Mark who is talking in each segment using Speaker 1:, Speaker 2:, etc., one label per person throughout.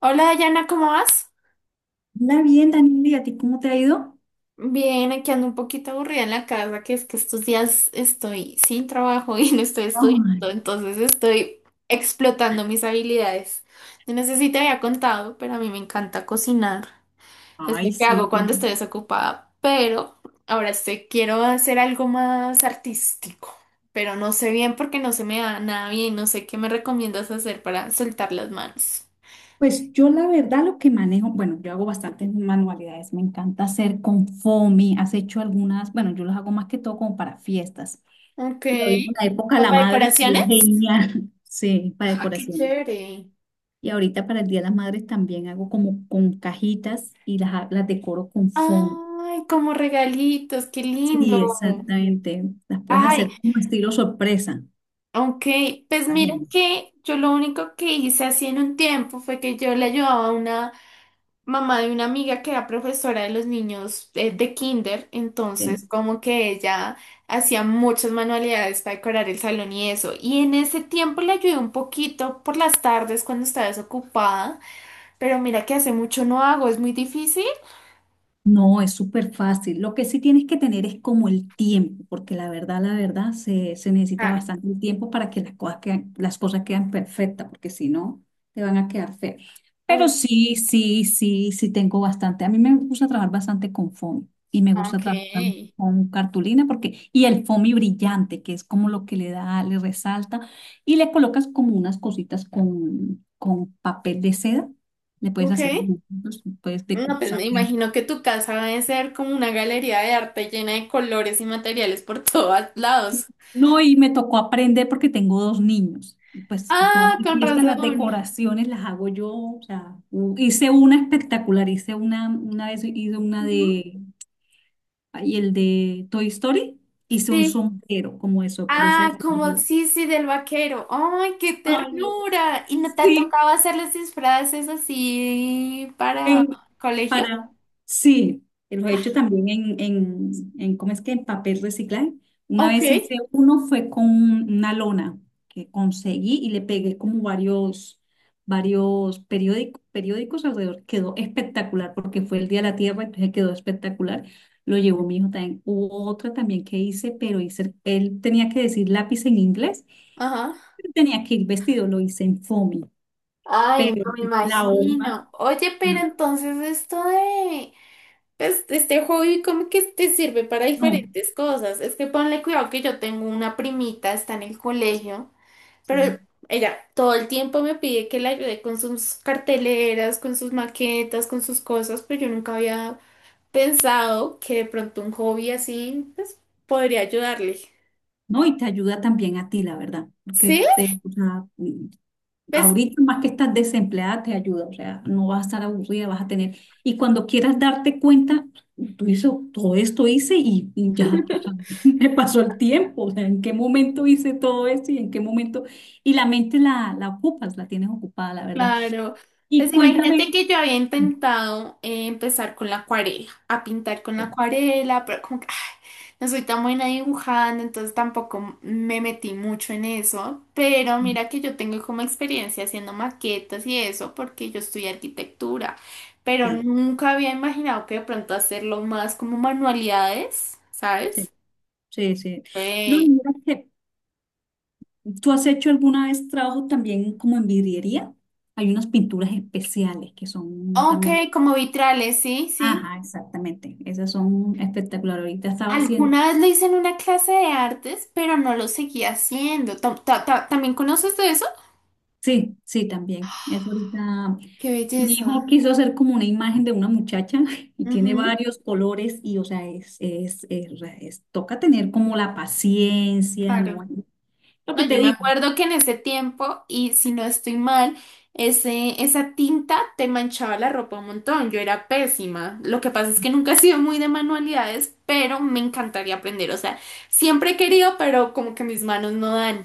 Speaker 1: Hola Dayana, ¿cómo vas?
Speaker 2: Hola, bien, Daniel, ¿y a ti cómo te ha ido?
Speaker 1: Bien, aquí ando un poquito aburrida en la casa, que es que estos días estoy sin trabajo y no estoy
Speaker 2: Ay,
Speaker 1: estudiando, entonces estoy explotando mis habilidades. Yo no sé si te había contado, pero a mí me encanta cocinar. Es lo
Speaker 2: Ay,
Speaker 1: que
Speaker 2: sí.
Speaker 1: hago cuando estoy desocupada, pero ahora estoy, quiero hacer algo más artístico, pero no sé bien porque no se me da nada bien, no sé qué me recomiendas hacer para soltar las manos.
Speaker 2: Pues yo la verdad lo que manejo, bueno, yo hago bastantes manualidades, me encanta hacer con foamy, has hecho algunas, bueno, yo las hago más que todo como para fiestas.
Speaker 1: Ok.
Speaker 2: Y ahorita en la época de
Speaker 1: ¿Como
Speaker 2: la
Speaker 1: para
Speaker 2: madre sería
Speaker 1: decoraciones?
Speaker 2: genial, sí, para
Speaker 1: Ah, qué
Speaker 2: decoración.
Speaker 1: chévere.
Speaker 2: Y ahorita para el Día de las Madres también hago como con cajitas y las decoro con foamy.
Speaker 1: Ay, como regalitos, qué lindo.
Speaker 2: Sí, exactamente, las puedes
Speaker 1: Ay,
Speaker 2: hacer como estilo sorpresa.
Speaker 1: ok, pues
Speaker 2: Está
Speaker 1: mira
Speaker 2: genial.
Speaker 1: que yo lo único que hice así en un tiempo fue que yo le ayudaba a una mamá de una amiga que era profesora de los niños de kinder, entonces como que ella hacía muchas manualidades para decorar el salón y eso, y en ese tiempo le ayudé un poquito por las tardes cuando estaba desocupada, pero mira que hace mucho no hago, es muy difícil.
Speaker 2: No, es súper fácil. Lo que sí tienes que tener es como el tiempo, porque la verdad, se necesita
Speaker 1: Claro.
Speaker 2: bastante el tiempo para que las cosas quedan perfectas, porque si no, te van a quedar feas. Pero
Speaker 1: Mm.
Speaker 2: sí, sí, sí, sí tengo bastante. A mí me gusta trabajar bastante con foamy y me gusta
Speaker 1: Ok.
Speaker 2: trabajar también con cartulina porque, y el foamy brillante, que es como lo que le da, le resalta, y le colocas como unas cositas con papel de seda. Le puedes hacer
Speaker 1: Ok.
Speaker 2: dibujitos, puedes
Speaker 1: No, pues
Speaker 2: decupar.
Speaker 1: me imagino que tu casa debe ser como una galería de arte llena de colores y materiales por todos lados.
Speaker 2: No, y me tocó aprender porque tengo dos niños. Y pues todas
Speaker 1: Ah,
Speaker 2: las
Speaker 1: con
Speaker 2: fiestas, las
Speaker 1: razón.
Speaker 2: decoraciones las hago yo. O sea, hice una espectacular, hice una vez hice una
Speaker 1: Ujú.
Speaker 2: de, y el de Toy Story, hice un
Speaker 1: Sí.
Speaker 2: sombrero como de sorpresa de
Speaker 1: Ah, como
Speaker 2: sombrero.
Speaker 1: sí, sí, del vaquero. ¡Ay, qué
Speaker 2: Ay,
Speaker 1: ternura! ¿Y no te ha
Speaker 2: sí.
Speaker 1: tocado hacerles disfraces así para
Speaker 2: En,
Speaker 1: colegio?
Speaker 2: para, sí, lo he hecho también en, ¿cómo es que? En papel reciclable. Una
Speaker 1: Ok.
Speaker 2: vez hice uno, fue con una lona que conseguí y le pegué como varios periódicos alrededor. Quedó espectacular porque fue el Día de la Tierra, entonces quedó espectacular. Lo llevó mi hijo también. Hubo otra también que hice, pero hice, él tenía que decir lápiz en inglés,
Speaker 1: Ajá.
Speaker 2: pero tenía que ir vestido, lo hice en foamy,
Speaker 1: Ay,
Speaker 2: pero
Speaker 1: no me
Speaker 2: la horma,
Speaker 1: imagino. Oye, pero
Speaker 2: no,
Speaker 1: entonces esto de pues este hobby como que te sirve para
Speaker 2: no.
Speaker 1: diferentes cosas. Es que ponle cuidado que yo tengo una primita, está en el colegio,
Speaker 2: Sí.
Speaker 1: pero ella todo el tiempo me pide que la ayude con sus carteleras, con sus maquetas, con sus cosas, pero yo nunca había pensado que de pronto un hobby así pues podría ayudarle.
Speaker 2: ¿No? Y te ayuda también a ti, la verdad, porque
Speaker 1: ¿Sí?
Speaker 2: te, o sea,
Speaker 1: Pues
Speaker 2: ahorita más que estás desempleada, te ayuda, o sea, no vas a estar aburrida, vas a tener, y cuando quieras darte cuenta, tú hice todo esto hice y ya, o sea, me pasó el tiempo, o sea, en qué momento hice todo esto y en qué momento, y la mente la ocupas, la tienes ocupada, la verdad.
Speaker 1: claro,
Speaker 2: Y
Speaker 1: pues
Speaker 2: cuéntame,
Speaker 1: imagínate que yo había intentado empezar con la acuarela, a pintar con la acuarela, pero como que ay, no soy tan buena dibujando, entonces tampoco me metí mucho en eso, pero mira que yo tengo como experiencia haciendo maquetas y eso, porque yo estudié arquitectura, pero
Speaker 2: sí,
Speaker 1: nunca había imaginado que de pronto hacerlo más como manualidades,
Speaker 2: sí,
Speaker 1: ¿sabes?
Speaker 2: sí, sí. No, y
Speaker 1: Ey.
Speaker 2: mira que ¿tú has hecho alguna vez trabajo también como en vidriería? Hay unas pinturas especiales que son
Speaker 1: Ok,
Speaker 2: también.
Speaker 1: como vitrales, sí,
Speaker 2: Ajá,
Speaker 1: sí.
Speaker 2: exactamente. Esas son espectaculares. Ahorita estaba haciendo.
Speaker 1: Alguna vez lo hice en una clase de artes, pero no lo seguí haciendo. ¿También conoces de eso?
Speaker 2: Sí, sí, también. Eso ahorita.
Speaker 1: Qué
Speaker 2: Mi hijo
Speaker 1: belleza.
Speaker 2: quiso hacer como una imagen de una muchacha y tiene
Speaker 1: Ujú,
Speaker 2: varios colores y, o sea, toca tener como la paciencia,
Speaker 1: claro.
Speaker 2: ¿no? Lo
Speaker 1: No,
Speaker 2: que te
Speaker 1: yo me
Speaker 2: digo.
Speaker 1: acuerdo que en ese tiempo, y si no estoy mal, esa tinta te manchaba la ropa un montón. Yo era pésima. Lo que pasa es que nunca he sido muy de manualidades, pero me encantaría aprender. O sea, siempre he querido, pero como que mis manos no dan,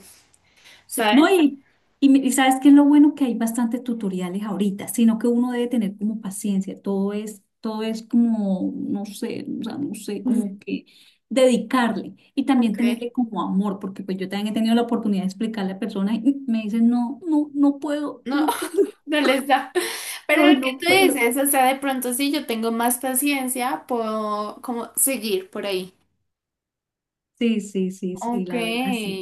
Speaker 2: Sí,
Speaker 1: ¿sabes?
Speaker 2: no, y sabes que es lo bueno que hay bastantes tutoriales ahorita, sino que uno debe tener como paciencia, todo es como, no sé, o sea, no sé, como que dedicarle y también
Speaker 1: Ok.
Speaker 2: tenerle como amor, porque pues yo también he tenido la oportunidad de explicarle a personas y me dicen, no, no, no puedo,
Speaker 1: No,
Speaker 2: no puedo,
Speaker 1: no les da. Pero
Speaker 2: no,
Speaker 1: lo que
Speaker 2: no
Speaker 1: tú
Speaker 2: puedo.
Speaker 1: dices, o sea, de pronto sí yo tengo más paciencia, puedo como seguir por ahí.
Speaker 2: Sí, sí, sí, sí,
Speaker 1: Ok.
Speaker 2: la verdad, sí.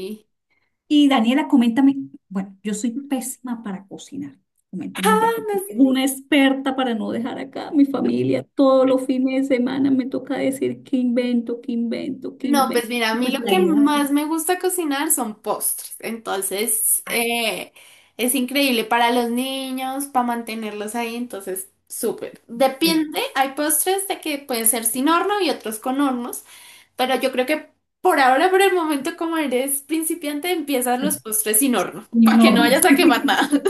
Speaker 2: Y Daniela, coméntame, bueno, yo soy pésima para cocinar. Coméntame ya
Speaker 1: Ah,
Speaker 2: que
Speaker 1: no,
Speaker 2: tú
Speaker 1: es-
Speaker 2: eres una experta para no dejar acá a mi familia. Todos los fines de semana me toca decir qué invento, qué invento, qué
Speaker 1: no, pues
Speaker 2: invento.
Speaker 1: mira, a mí
Speaker 2: Pues
Speaker 1: lo
Speaker 2: la
Speaker 1: que
Speaker 2: idea es,
Speaker 1: más me gusta cocinar son postres. Entonces,
Speaker 2: ay,
Speaker 1: es increíble para los niños, para mantenerlos ahí. Entonces, súper.
Speaker 2: del,
Speaker 1: Depende, hay postres de que pueden ser sin horno y otros con hornos. Pero yo creo que por ahora, por el momento, como eres principiante, empiezas
Speaker 2: del
Speaker 1: los postres sin horno, para que no
Speaker 2: enorme.
Speaker 1: vayas a quemar nada.
Speaker 2: Sí.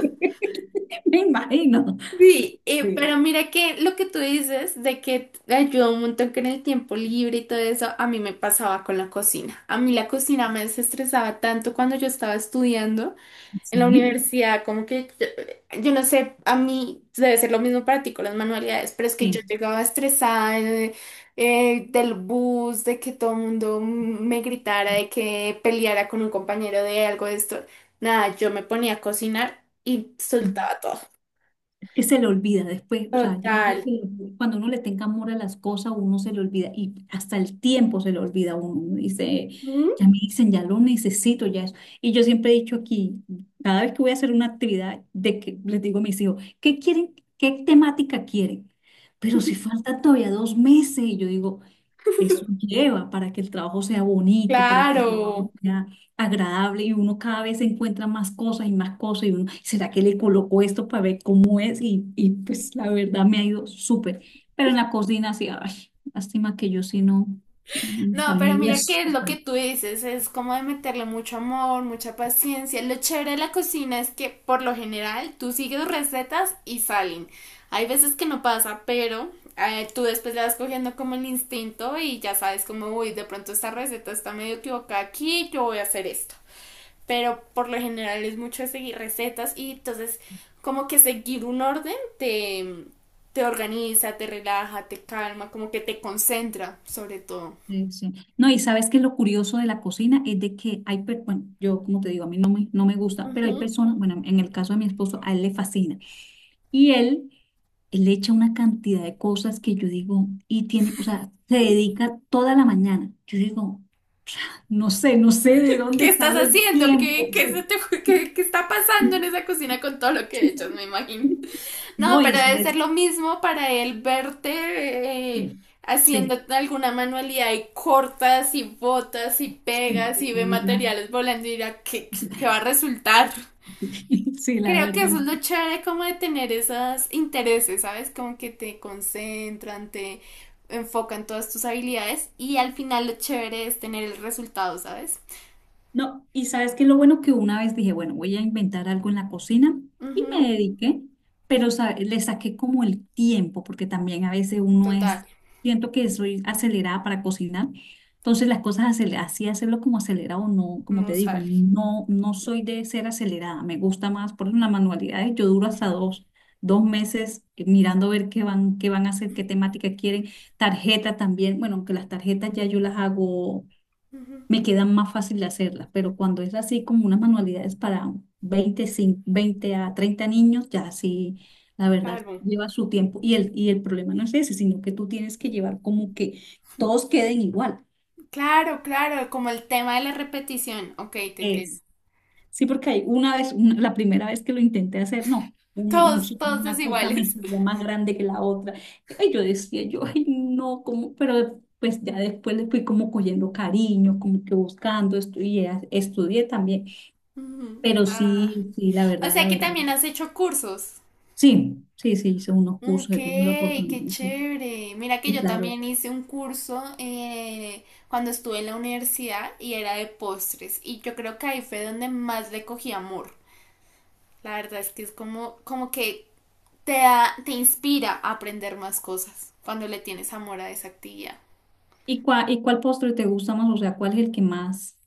Speaker 2: Me imagino.
Speaker 1: Sí,
Speaker 2: Sí.
Speaker 1: pero mira que lo que tú dices de que te ayuda un montón con el tiempo libre y todo eso, a mí me pasaba con la cocina. A mí la cocina me desestresaba tanto cuando yo estaba estudiando. En la universidad, como que yo no sé, a mí debe ser lo mismo para ti con las manualidades, pero es que yo
Speaker 2: Sí.
Speaker 1: llegaba estresada del bus, de que todo el mundo me gritara, de que peleara con un compañero de algo de esto. Nada, yo me ponía a cocinar y
Speaker 2: Sí.
Speaker 1: soltaba todo.
Speaker 2: Que se le olvida después, o sea, yo creo
Speaker 1: Total.
Speaker 2: que cuando uno le tenga amor a las cosas, uno se le olvida y hasta el tiempo se le olvida a uno. Uno dice,
Speaker 1: ¿Mm?
Speaker 2: ya me dicen, ya lo necesito, ya eso. Y yo siempre he dicho aquí, cada vez que voy a hacer una actividad, de que les digo a mis hijos, ¿qué quieren? ¿Qué temática quieren? Pero si faltan todavía 2 meses, y yo digo, eso lleva para que el trabajo sea bonito, para que el trabajo
Speaker 1: Claro.
Speaker 2: sea agradable y uno cada vez encuentra más cosas y uno, ¿será que le coloco esto para ver cómo es? Y pues la verdad me ha ido súper. Pero en la cocina sí, ay, lástima que yo sí no, mi
Speaker 1: No, pero
Speaker 2: familia
Speaker 1: mira que lo
Speaker 2: sufre.
Speaker 1: que tú dices es como de meterle mucho amor, mucha paciencia. Lo chévere de la cocina es que por lo general tú sigues recetas y salen. Hay veces que no pasa, pero tú después le vas cogiendo como el instinto y ya sabes como, uy, de pronto esta receta está medio equivocada aquí, yo voy a hacer esto. Pero por lo general es mucho de seguir recetas y entonces como que seguir un orden te organiza, te relaja, te calma, como que te concentra sobre todo.
Speaker 2: Sí, sí. No, y sabes que lo curioso de la cocina es de que hay, bueno, yo como te digo, a mí no me gusta, pero hay
Speaker 1: Ujú.
Speaker 2: personas, bueno, en el caso de mi esposo, a él le fascina. Y él… Él le echa una cantidad de cosas que yo digo, y tiene, o sea, se dedica toda la mañana. Yo digo, no sé de
Speaker 1: ¿Qué
Speaker 2: dónde
Speaker 1: estás
Speaker 2: sale el
Speaker 1: haciendo? ¿Qué,
Speaker 2: tiempo.
Speaker 1: qué, se te- qué- ¿Qué está pasando en esa cocina con todo lo que echas, me imagino? No,
Speaker 2: No,
Speaker 1: pero
Speaker 2: Isa,
Speaker 1: debe ser
Speaker 2: es…
Speaker 1: lo mismo para él verte eh,
Speaker 2: Sí, sí,
Speaker 1: haciendo alguna manualidad y cortas y botas y
Speaker 2: sí,
Speaker 1: pegas y ve
Speaker 2: amiga,
Speaker 1: materiales volando y dirá,
Speaker 2: sí,
Speaker 1: ¿qué va a resultar?
Speaker 2: sí, la
Speaker 1: Creo que eso
Speaker 2: verdad,
Speaker 1: es lo
Speaker 2: sí.
Speaker 1: chévere como de tener esos intereses, ¿sabes? Como que te concentran, te enfocan todas tus habilidades y al final lo chévere es tener el resultado, ¿sabes?
Speaker 2: No, y sabes que lo bueno que una vez dije, bueno, voy a inventar algo en la cocina y me
Speaker 1: Ujú,
Speaker 2: dediqué, pero le saqué como el tiempo, porque también a veces uno
Speaker 1: total.
Speaker 2: es, siento que soy acelerada para cocinar, entonces las cosas así hacerlo como acelerado, no, como
Speaker 1: No
Speaker 2: te digo,
Speaker 1: sale.
Speaker 2: no, no soy de ser acelerada, me gusta más, por ejemplo, las manualidades, yo duro hasta dos meses mirando ver qué van a hacer, qué temática quieren, tarjeta también, bueno, aunque las tarjetas ya yo las hago,
Speaker 1: Ujú.
Speaker 2: me queda más fácil hacerlas, pero cuando es así como unas manualidades para 20 a 30 niños, ya sí, la verdad,
Speaker 1: Claro,
Speaker 2: lleva su tiempo. Y el problema no es ese, sino que tú tienes que llevar como que todos queden igual.
Speaker 1: claro, como el tema de la repetición. Ok, te entiendo.
Speaker 2: Es. Sí, porque hay una vez, la primera vez que lo intenté hacer, no.
Speaker 1: Todos, todos
Speaker 2: Una cosa me
Speaker 1: desiguales.
Speaker 2: salía más grande que la otra. Y yo decía, yo, ay, no, como, pero pues ya después le fui como cogiendo cariño, como que buscando, y, estudié también.
Speaker 1: Ujú.
Speaker 2: Pero
Speaker 1: Ah,
Speaker 2: sí, sí, la
Speaker 1: o
Speaker 2: verdad,
Speaker 1: sea
Speaker 2: la
Speaker 1: que
Speaker 2: verdad.
Speaker 1: también has hecho cursos.
Speaker 2: Sí, sí, sí, hice unos
Speaker 1: Ok,
Speaker 2: cursos, he tenido la
Speaker 1: qué
Speaker 2: oportunidad. Sí,
Speaker 1: chévere. Mira que
Speaker 2: sí,
Speaker 1: yo
Speaker 2: claro.
Speaker 1: también hice un curso cuando estuve en la universidad y era de postres. Y yo creo que ahí fue donde más le cogí amor. La verdad es que es como, como que te inspira a aprender más cosas cuando le tienes amor a esa actividad.
Speaker 2: ¿Y cuál postre te gusta más? O sea, ¿cuál es el que más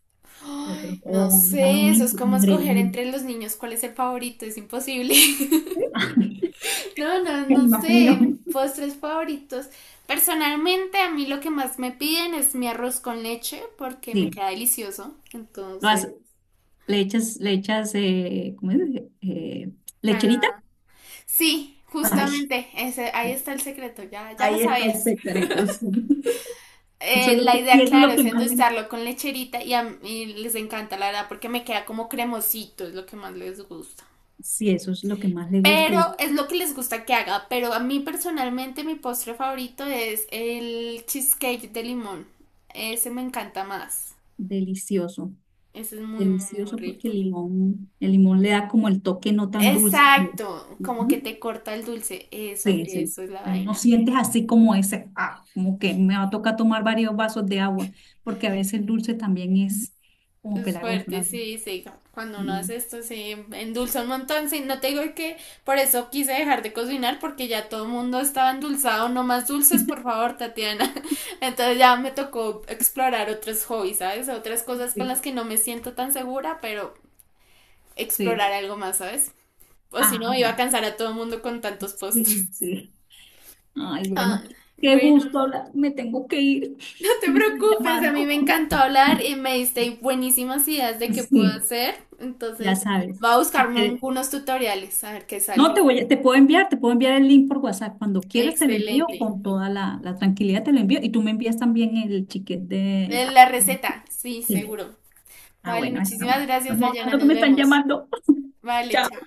Speaker 2: te
Speaker 1: Ay, no
Speaker 2: O dame
Speaker 1: sé,
Speaker 2: un
Speaker 1: eso es como escoger
Speaker 2: ingrediente.
Speaker 1: entre los niños cuál es el favorito, es imposible. No, no,
Speaker 2: Me
Speaker 1: no sé,
Speaker 2: imagino.
Speaker 1: postres favoritos. Personalmente, a mí lo que más me piden es mi arroz con leche porque me
Speaker 2: Sí,
Speaker 1: queda delicioso.
Speaker 2: lo
Speaker 1: Entonces,
Speaker 2: has- le echas, ¿cómo es? Eh, Lecherita.
Speaker 1: ah, sí,
Speaker 2: Ay,
Speaker 1: justamente, ese, ahí está el secreto, ya lo
Speaker 2: ahí está el
Speaker 1: sabías.
Speaker 2: secreto. Sí. Eso es lo
Speaker 1: La
Speaker 2: que,
Speaker 1: idea,
Speaker 2: y eso es
Speaker 1: claro,
Speaker 2: lo
Speaker 1: es
Speaker 2: que más le,
Speaker 1: endulzarlo con lecherita y a mí les encanta, la verdad, porque me queda como cremosito, es lo que más les gusta.
Speaker 2: sí, eso es lo que más le gusta
Speaker 1: Pero
Speaker 2: y es
Speaker 1: es lo que les gusta que haga. Pero a mí personalmente mi postre favorito es el cheesecake de limón. Ese me encanta más.
Speaker 2: delicioso.
Speaker 1: Ese es muy, muy
Speaker 2: Delicioso porque
Speaker 1: rico.
Speaker 2: el limón le da como el toque no tan dulce.
Speaker 1: Exacto, como que
Speaker 2: Ujú.
Speaker 1: te corta el dulce. Eso,
Speaker 2: Sí, sí.
Speaker 1: eso es la
Speaker 2: Pero no
Speaker 1: vaina.
Speaker 2: sientes así como ese, ah, como que me va a tocar tomar varios vasos de agua, porque a veces el dulce también es como
Speaker 1: Es
Speaker 2: pelagoso, la
Speaker 1: fuerte,
Speaker 2: verdad.
Speaker 1: sí, sí. Cuando uno
Speaker 2: Mm.
Speaker 1: hace esto se endulza un montón. Sí, no te digo que por eso quise dejar de cocinar porque ya todo el mundo estaba endulzado. No más dulces, por favor, Tatiana. Entonces ya me tocó explorar otros hobbies, ¿sabes? Otras cosas con
Speaker 2: Sí,
Speaker 1: las que no me siento tan segura, pero
Speaker 2: sí.
Speaker 1: explorar algo más, ¿sabes? O si no,
Speaker 2: Ah,
Speaker 1: iba a
Speaker 2: bueno.
Speaker 1: cansar a todo el mundo con tantos
Speaker 2: Sí,
Speaker 1: postres.
Speaker 2: sí. Ay,
Speaker 1: Ah,
Speaker 2: bueno. Qué
Speaker 1: bueno.
Speaker 2: gusto hablar. Me tengo que ir.
Speaker 1: No te
Speaker 2: Me están
Speaker 1: preocupes, a mí me
Speaker 2: llamando.
Speaker 1: encantó hablar y me diste buenísimas ideas de qué puedo
Speaker 2: Sí,
Speaker 1: hacer.
Speaker 2: ya
Speaker 1: Entonces,
Speaker 2: sabes.
Speaker 1: voy a
Speaker 2: Si
Speaker 1: buscarme
Speaker 2: quieres.
Speaker 1: unos tutoriales a ver qué
Speaker 2: No,
Speaker 1: sale.
Speaker 2: te puedo enviar el link por WhatsApp. Cuando quieras te lo envío
Speaker 1: Excelente.
Speaker 2: con toda la tranquilidad, te lo envío. Y tú me envías también el chiquete de…
Speaker 1: La receta, sí,
Speaker 2: Sí.
Speaker 1: seguro.
Speaker 2: Ah,
Speaker 1: Vale,
Speaker 2: bueno, ahí estamos,
Speaker 1: muchísimas gracias,
Speaker 2: estamos
Speaker 1: Dayana.
Speaker 2: hablando que
Speaker 1: Nos
Speaker 2: me están
Speaker 1: vemos.
Speaker 2: llamando.
Speaker 1: Vale,
Speaker 2: Chao.
Speaker 1: chao.